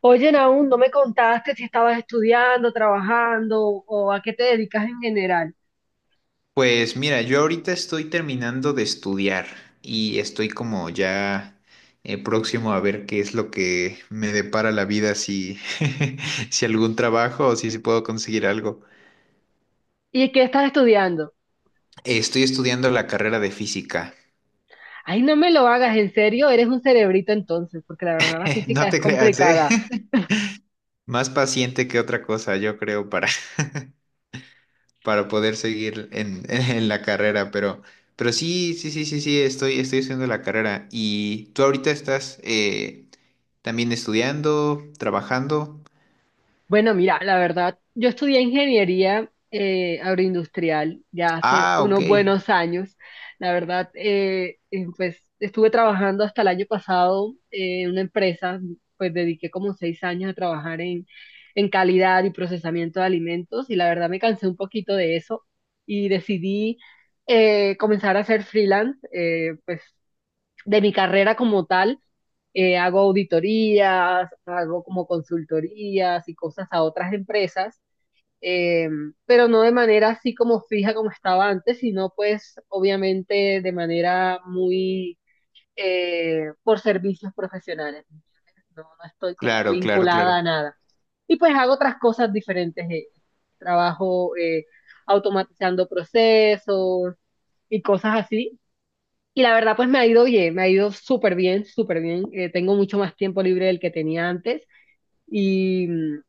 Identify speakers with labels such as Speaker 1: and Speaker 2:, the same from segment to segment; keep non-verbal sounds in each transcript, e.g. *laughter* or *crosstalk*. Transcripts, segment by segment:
Speaker 1: Oye, aún no me contaste si estabas estudiando, trabajando o a qué te dedicas en general.
Speaker 2: Pues mira, yo ahorita estoy terminando de estudiar y estoy como ya próximo a ver qué es lo que me depara la vida, si, *laughs* si algún trabajo o si puedo conseguir algo.
Speaker 1: ¿Y qué estás estudiando?
Speaker 2: Estoy estudiando la carrera de física.
Speaker 1: Ay, no me lo hagas, en serio, eres un cerebrito entonces, porque la verdad la
Speaker 2: *laughs*
Speaker 1: física
Speaker 2: No
Speaker 1: es
Speaker 2: te creas, ¿eh?
Speaker 1: complicada.
Speaker 2: *laughs* Más paciente que otra cosa, yo creo, para *laughs* para poder seguir *laughs* en la carrera, pero sí, sí, sí, sí, sí, estoy haciendo la carrera. ¿Y tú ahorita estás también estudiando, trabajando?
Speaker 1: Bueno, mira, la verdad, yo estudié ingeniería agroindustrial ya hace
Speaker 2: Ah, ok.
Speaker 1: unos buenos años. La verdad, pues estuve trabajando hasta el año pasado en una empresa, pues dediqué como 6 años a trabajar en calidad y procesamiento de alimentos, y la verdad me cansé un poquito de eso y decidí comenzar a hacer freelance. Pues de mi carrera como tal, hago auditorías, hago como consultorías y cosas a otras empresas, eh, pero no de manera así como fija como estaba antes, sino pues obviamente de manera muy por servicios profesionales. No, no estoy como
Speaker 2: Claro, claro,
Speaker 1: vinculada
Speaker 2: claro.
Speaker 1: a nada. Y pues hago otras cosas diferentes. Trabajo automatizando procesos y cosas así. Y la verdad, pues me ha ido bien, me ha ido súper bien, súper bien. Tengo mucho más tiempo libre del que tenía antes. Y, mm,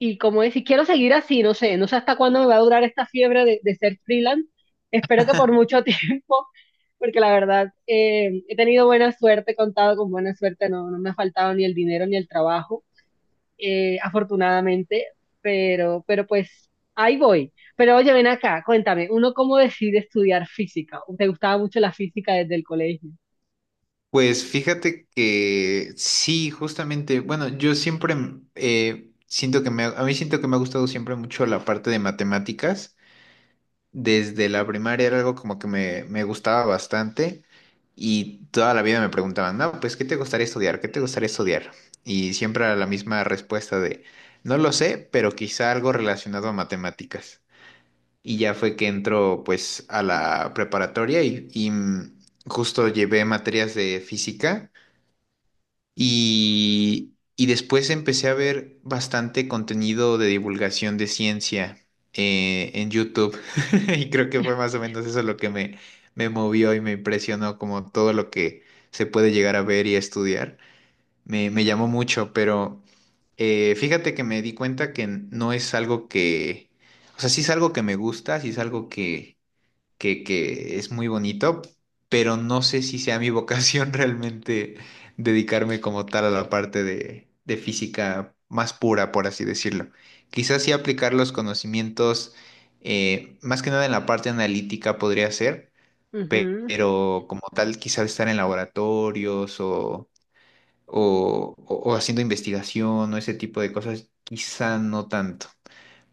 Speaker 1: y como decir, quiero seguir así, no sé, no sé hasta cuándo me va a durar esta fiebre de ser freelance. Espero que por mucho *laughs* tiempo, porque la verdad, he tenido buena suerte, he contado con buena suerte, no, no me ha faltado ni el dinero ni el trabajo, afortunadamente, pero pues ahí voy. Pero oye, ven acá, cuéntame, ¿uno cómo decide estudiar física? ¿Te gustaba mucho la física desde el colegio?
Speaker 2: Pues fíjate que sí, justamente, bueno, yo siempre siento a mí siento que me ha gustado siempre mucho la parte de matemáticas. Desde la primaria era algo como que me gustaba bastante y toda la vida me preguntaban, no, pues, ¿qué te gustaría estudiar? ¿Qué te gustaría estudiar? Y siempre era la misma respuesta de, no lo sé, pero quizá algo relacionado a matemáticas. Y ya fue que entró pues a la preparatoria y justo llevé materias de física y después empecé a ver bastante contenido de divulgación de ciencia en YouTube. *laughs* Y creo que fue más o menos eso lo que me movió y me impresionó, como todo lo que se puede llegar a ver y a estudiar. Me llamó mucho, pero fíjate que me di cuenta que no es algo que, o sea, sí es algo que me gusta, sí es algo que es muy bonito, pero no sé si sea mi vocación *laughs* realmente dedicarme como tal a la parte de física más pura, por así decirlo. Quizás sí aplicar los conocimientos, más que nada en la parte analítica podría ser,
Speaker 1: Ujú.
Speaker 2: pero como tal quizás estar en laboratorios o haciendo investigación o ese tipo de cosas, quizá no tanto.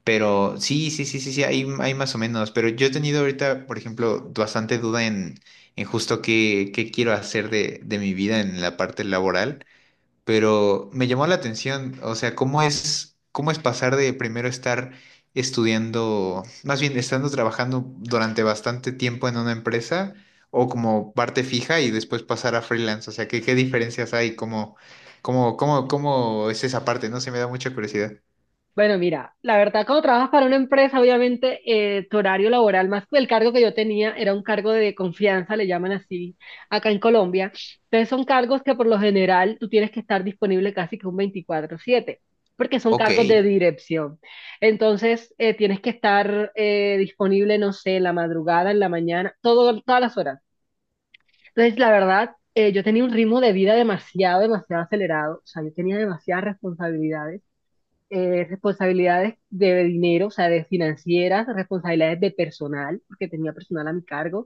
Speaker 2: Pero sí, sí, sí, sí, sí, hay más o menos. Pero yo he tenido ahorita, por ejemplo, bastante duda en justo qué quiero hacer de mi vida en la parte laboral. Pero me llamó la atención, o sea, cómo es pasar de primero estar estudiando, más bien estando trabajando durante bastante tiempo en una empresa o como parte fija y después pasar a freelance. O sea, qué diferencias hay, cómo es esa parte, ¿no? Se me da mucha curiosidad.
Speaker 1: Bueno, mira, la verdad, cuando trabajas para una empresa, obviamente tu horario laboral, más que el cargo que yo tenía, era un cargo de confianza, le llaman así acá en Colombia. Entonces son cargos que por lo general tú tienes que estar disponible casi que un 24/7, porque son
Speaker 2: Ok,
Speaker 1: cargos de dirección. Entonces tienes que estar disponible, no sé, en la madrugada, en la mañana, todo, todas las horas. Entonces, la verdad, yo tenía un ritmo de vida demasiado, demasiado acelerado. O sea, yo tenía demasiadas responsabilidades, responsabilidades de dinero, o sea, de financieras, responsabilidades de personal, porque tenía personal a mi cargo.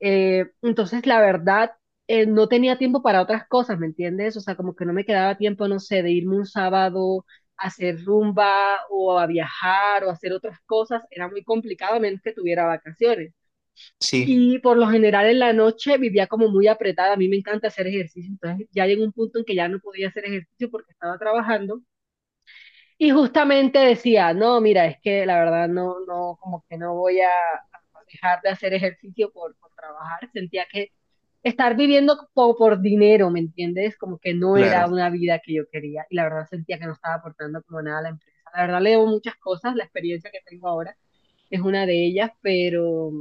Speaker 1: Entonces, la verdad, no tenía tiempo para otras cosas, ¿me entiendes? O sea, como que no me quedaba tiempo, no sé, de irme un sábado a hacer rumba o a viajar o a hacer otras cosas. Era muy complicado, a menos que tuviera vacaciones.
Speaker 2: sí.
Speaker 1: Y por lo general en la noche vivía como muy apretada. A mí me encanta hacer ejercicio, entonces ya llegó un punto en que ya no podía hacer ejercicio porque estaba trabajando y justamente decía, no, mira, es que la verdad no, no, como que no voy a dejar de hacer ejercicio por trabajar. Sentía que estar viviendo po- por, dinero, ¿me entiendes? Como que no era
Speaker 2: Claro,
Speaker 1: una vida que yo quería. Y la verdad sentía que no estaba aportando como nada a la empresa. La verdad le debo muchas cosas, la experiencia que tengo ahora es una de ellas,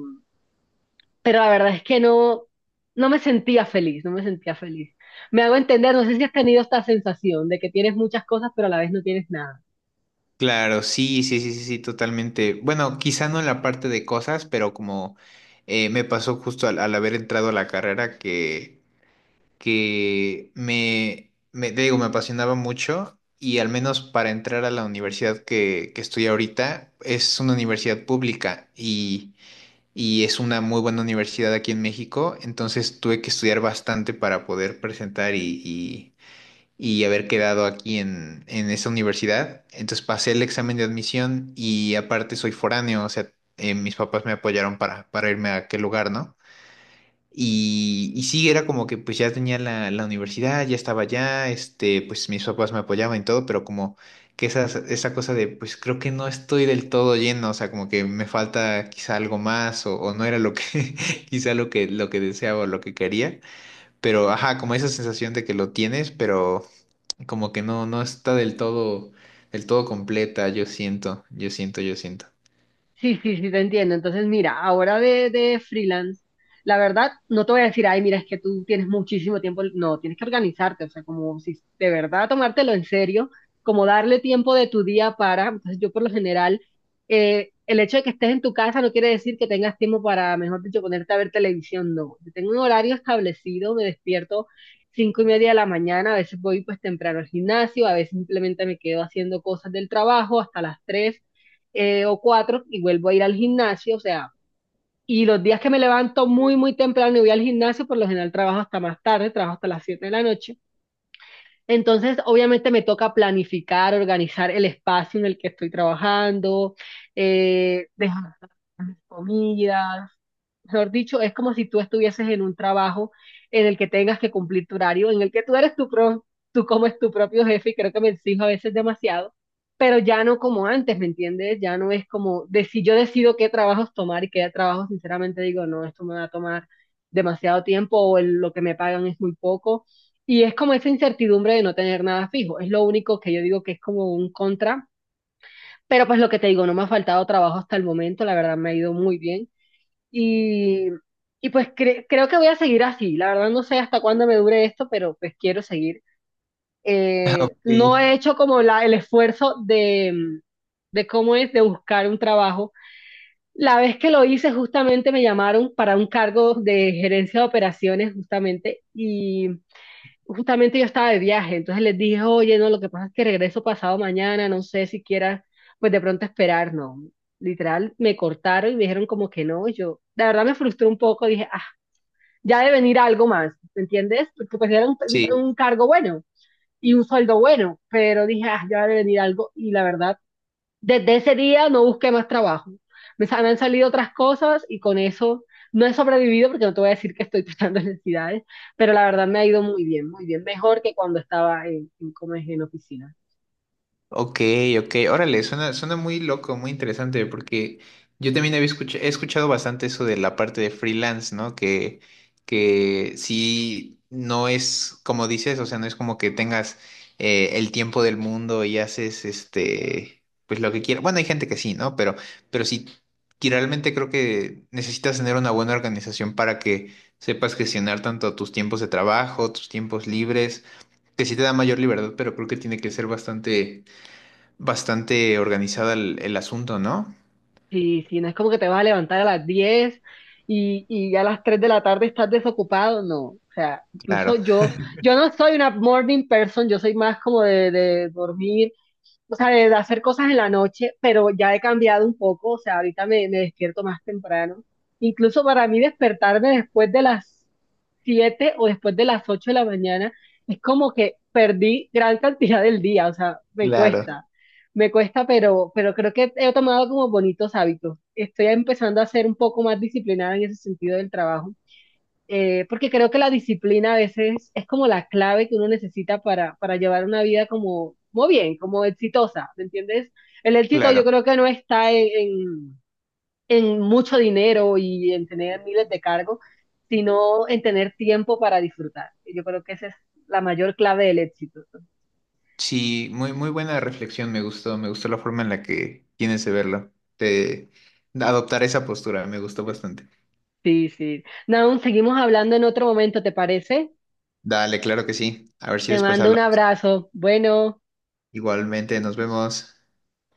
Speaker 1: pero la verdad es que no, no me sentía feliz, no me sentía feliz. Me hago entender, no sé si has tenido esta sensación de que tienes muchas cosas, pero a la vez no tienes nada.
Speaker 2: claro, sí, sí, sí, sí, sí, totalmente. Bueno, quizá no en la parte de cosas, pero como me pasó justo al haber entrado a la carrera que, te digo, me apasionaba mucho y al menos para entrar a la universidad que estoy ahorita, es una universidad pública y es una muy buena universidad aquí en México, entonces tuve que estudiar bastante para poder presentar y haber quedado aquí en esta universidad. Entonces pasé el examen de admisión y aparte soy foráneo, o sea, mis papás me apoyaron para irme a aquel lugar, ¿no? Y sí, era como que pues ya tenía la universidad, ya estaba allá, este, pues mis papás me apoyaban y todo, pero como que esa cosa de pues creo que no estoy del todo lleno, o sea, como que me falta quizá algo más o no era lo que *laughs* quizá lo lo que deseaba o lo que quería, pero ajá, como esa sensación de que lo tienes, pero como que no, no está del todo completa, yo siento, yo siento, yo siento.
Speaker 1: Sí, sí, sí, te entiendo. Entonces, mira, ahora de freelance, la verdad, no te voy a decir, ay, mira, es que tú tienes muchísimo tiempo. No, tienes que organizarte, o sea, como si de verdad tomártelo en serio, como darle tiempo de tu día para. Entonces, yo por lo general, el hecho de que estés en tu casa no quiere decir que tengas tiempo para, mejor dicho, ponerte a ver televisión, no. Yo tengo un horario establecido, me despierto 5:30 de la mañana, a veces voy pues temprano al gimnasio, a veces simplemente me quedo haciendo cosas del trabajo hasta las tres o cuatro y vuelvo a ir al gimnasio, o sea, y los días que me levanto muy, muy temprano y voy al gimnasio, por lo general trabajo hasta más tarde, trabajo hasta las 7 de la noche. Entonces, obviamente me toca planificar, organizar el espacio en el que estoy trabajando, dejar mis comidas. Mejor dicho, es como si tú estuvieses en un trabajo en el que tengas que cumplir tu horario, en el que tú eres tu pro, tú como es tu propio jefe, y creo que me exijo a veces demasiado, pero ya no como antes, ¿me entiendes? Ya no es como, de, si yo decido qué trabajos tomar y qué trabajos sinceramente digo, no, esto me va a tomar demasiado tiempo o el- lo que me pagan es muy poco. Y es como esa incertidumbre de no tener nada fijo. Es lo único que yo digo que es como un contra. Pero pues lo que te digo, no me ha faltado trabajo hasta el momento, la verdad me ha ido muy bien. Y, y pues cre- creo que voy a seguir así. La verdad no sé hasta cuándo me dure esto, pero pues quiero seguir.
Speaker 2: *laughs* Ok,
Speaker 1: No he hecho como la, el esfuerzo de cómo es de buscar un trabajo. La vez que lo hice justamente me llamaron para un cargo de gerencia de operaciones justamente y justamente yo estaba de viaje, entonces les dije, oye, no, lo que pasa es que regreso pasado mañana, no sé si quieras, pues de pronto esperar, no. Literal, me cortaron y me dijeron como que no, y yo, la verdad me frustré un poco, dije, ah, ya debe venir algo más, ¿me entiendes? Porque pues era
Speaker 2: sí.
Speaker 1: un cargo bueno y un sueldo bueno, pero dije, ah, ya debe venir algo y la verdad desde ese día no busqué más trabajo. Me, sa- me han salido otras cosas y con eso no he sobrevivido porque no te voy a decir que estoy *laughs* tratando necesidades, pero la verdad me ha ido muy bien, mejor que cuando estaba como es, en oficina.
Speaker 2: Ok, ok, órale, suena, suena muy loco, muy interesante, porque yo también he escuchado bastante eso de la parte de freelance, ¿no? Que sí, no es como dices, o sea, no es como que tengas el tiempo del mundo y haces este, pues lo que quieras. Bueno, hay gente que sí, ¿no? Pero sí, que realmente creo que necesitas tener una buena organización para que sepas gestionar tanto tus tiempos de trabajo, tus tiempos libres, que sí te da mayor libertad, pero creo que tiene que ser bastante. Bastante organizado el asunto, ¿no?
Speaker 1: Y si no es como que te vas a levantar a las 10 y ya a las 3 de la tarde estás desocupado, no. O sea, incluso
Speaker 2: Claro,
Speaker 1: yo, yo no soy una morning person, yo soy más de dormir, o sea, de hacer cosas en la noche, pero ya he cambiado un poco, o sea, ahorita me despierto más temprano. Incluso para mí despertarme después de las 7 o después de las 8 de la mañana es como que perdí gran cantidad del día, o sea,
Speaker 2: claro,
Speaker 1: me cuesta, pero creo que he tomado como bonitos hábitos. Estoy empezando a ser un poco más disciplinada en ese sentido del trabajo, porque creo que la disciplina a veces es como la clave que uno necesita para llevar una vida como, muy bien, como exitosa, ¿me entiendes? El éxito
Speaker 2: claro.
Speaker 1: yo creo que no está en mucho dinero y en tener miles de cargos, sino en tener tiempo para disfrutar. Yo creo que esa es la mayor clave del éxito.
Speaker 2: Sí, muy, muy buena reflexión, me gustó la forma en la que tienes de verlo, de de adoptar esa postura, me gustó bastante.
Speaker 1: Sí, sí. Naun, seguimos hablando en otro momento, ¿te parece?
Speaker 2: Dale, claro que sí. A ver si
Speaker 1: Te
Speaker 2: después
Speaker 1: mando un
Speaker 2: hablamos.
Speaker 1: abrazo. Bueno.
Speaker 2: Igualmente, nos vemos.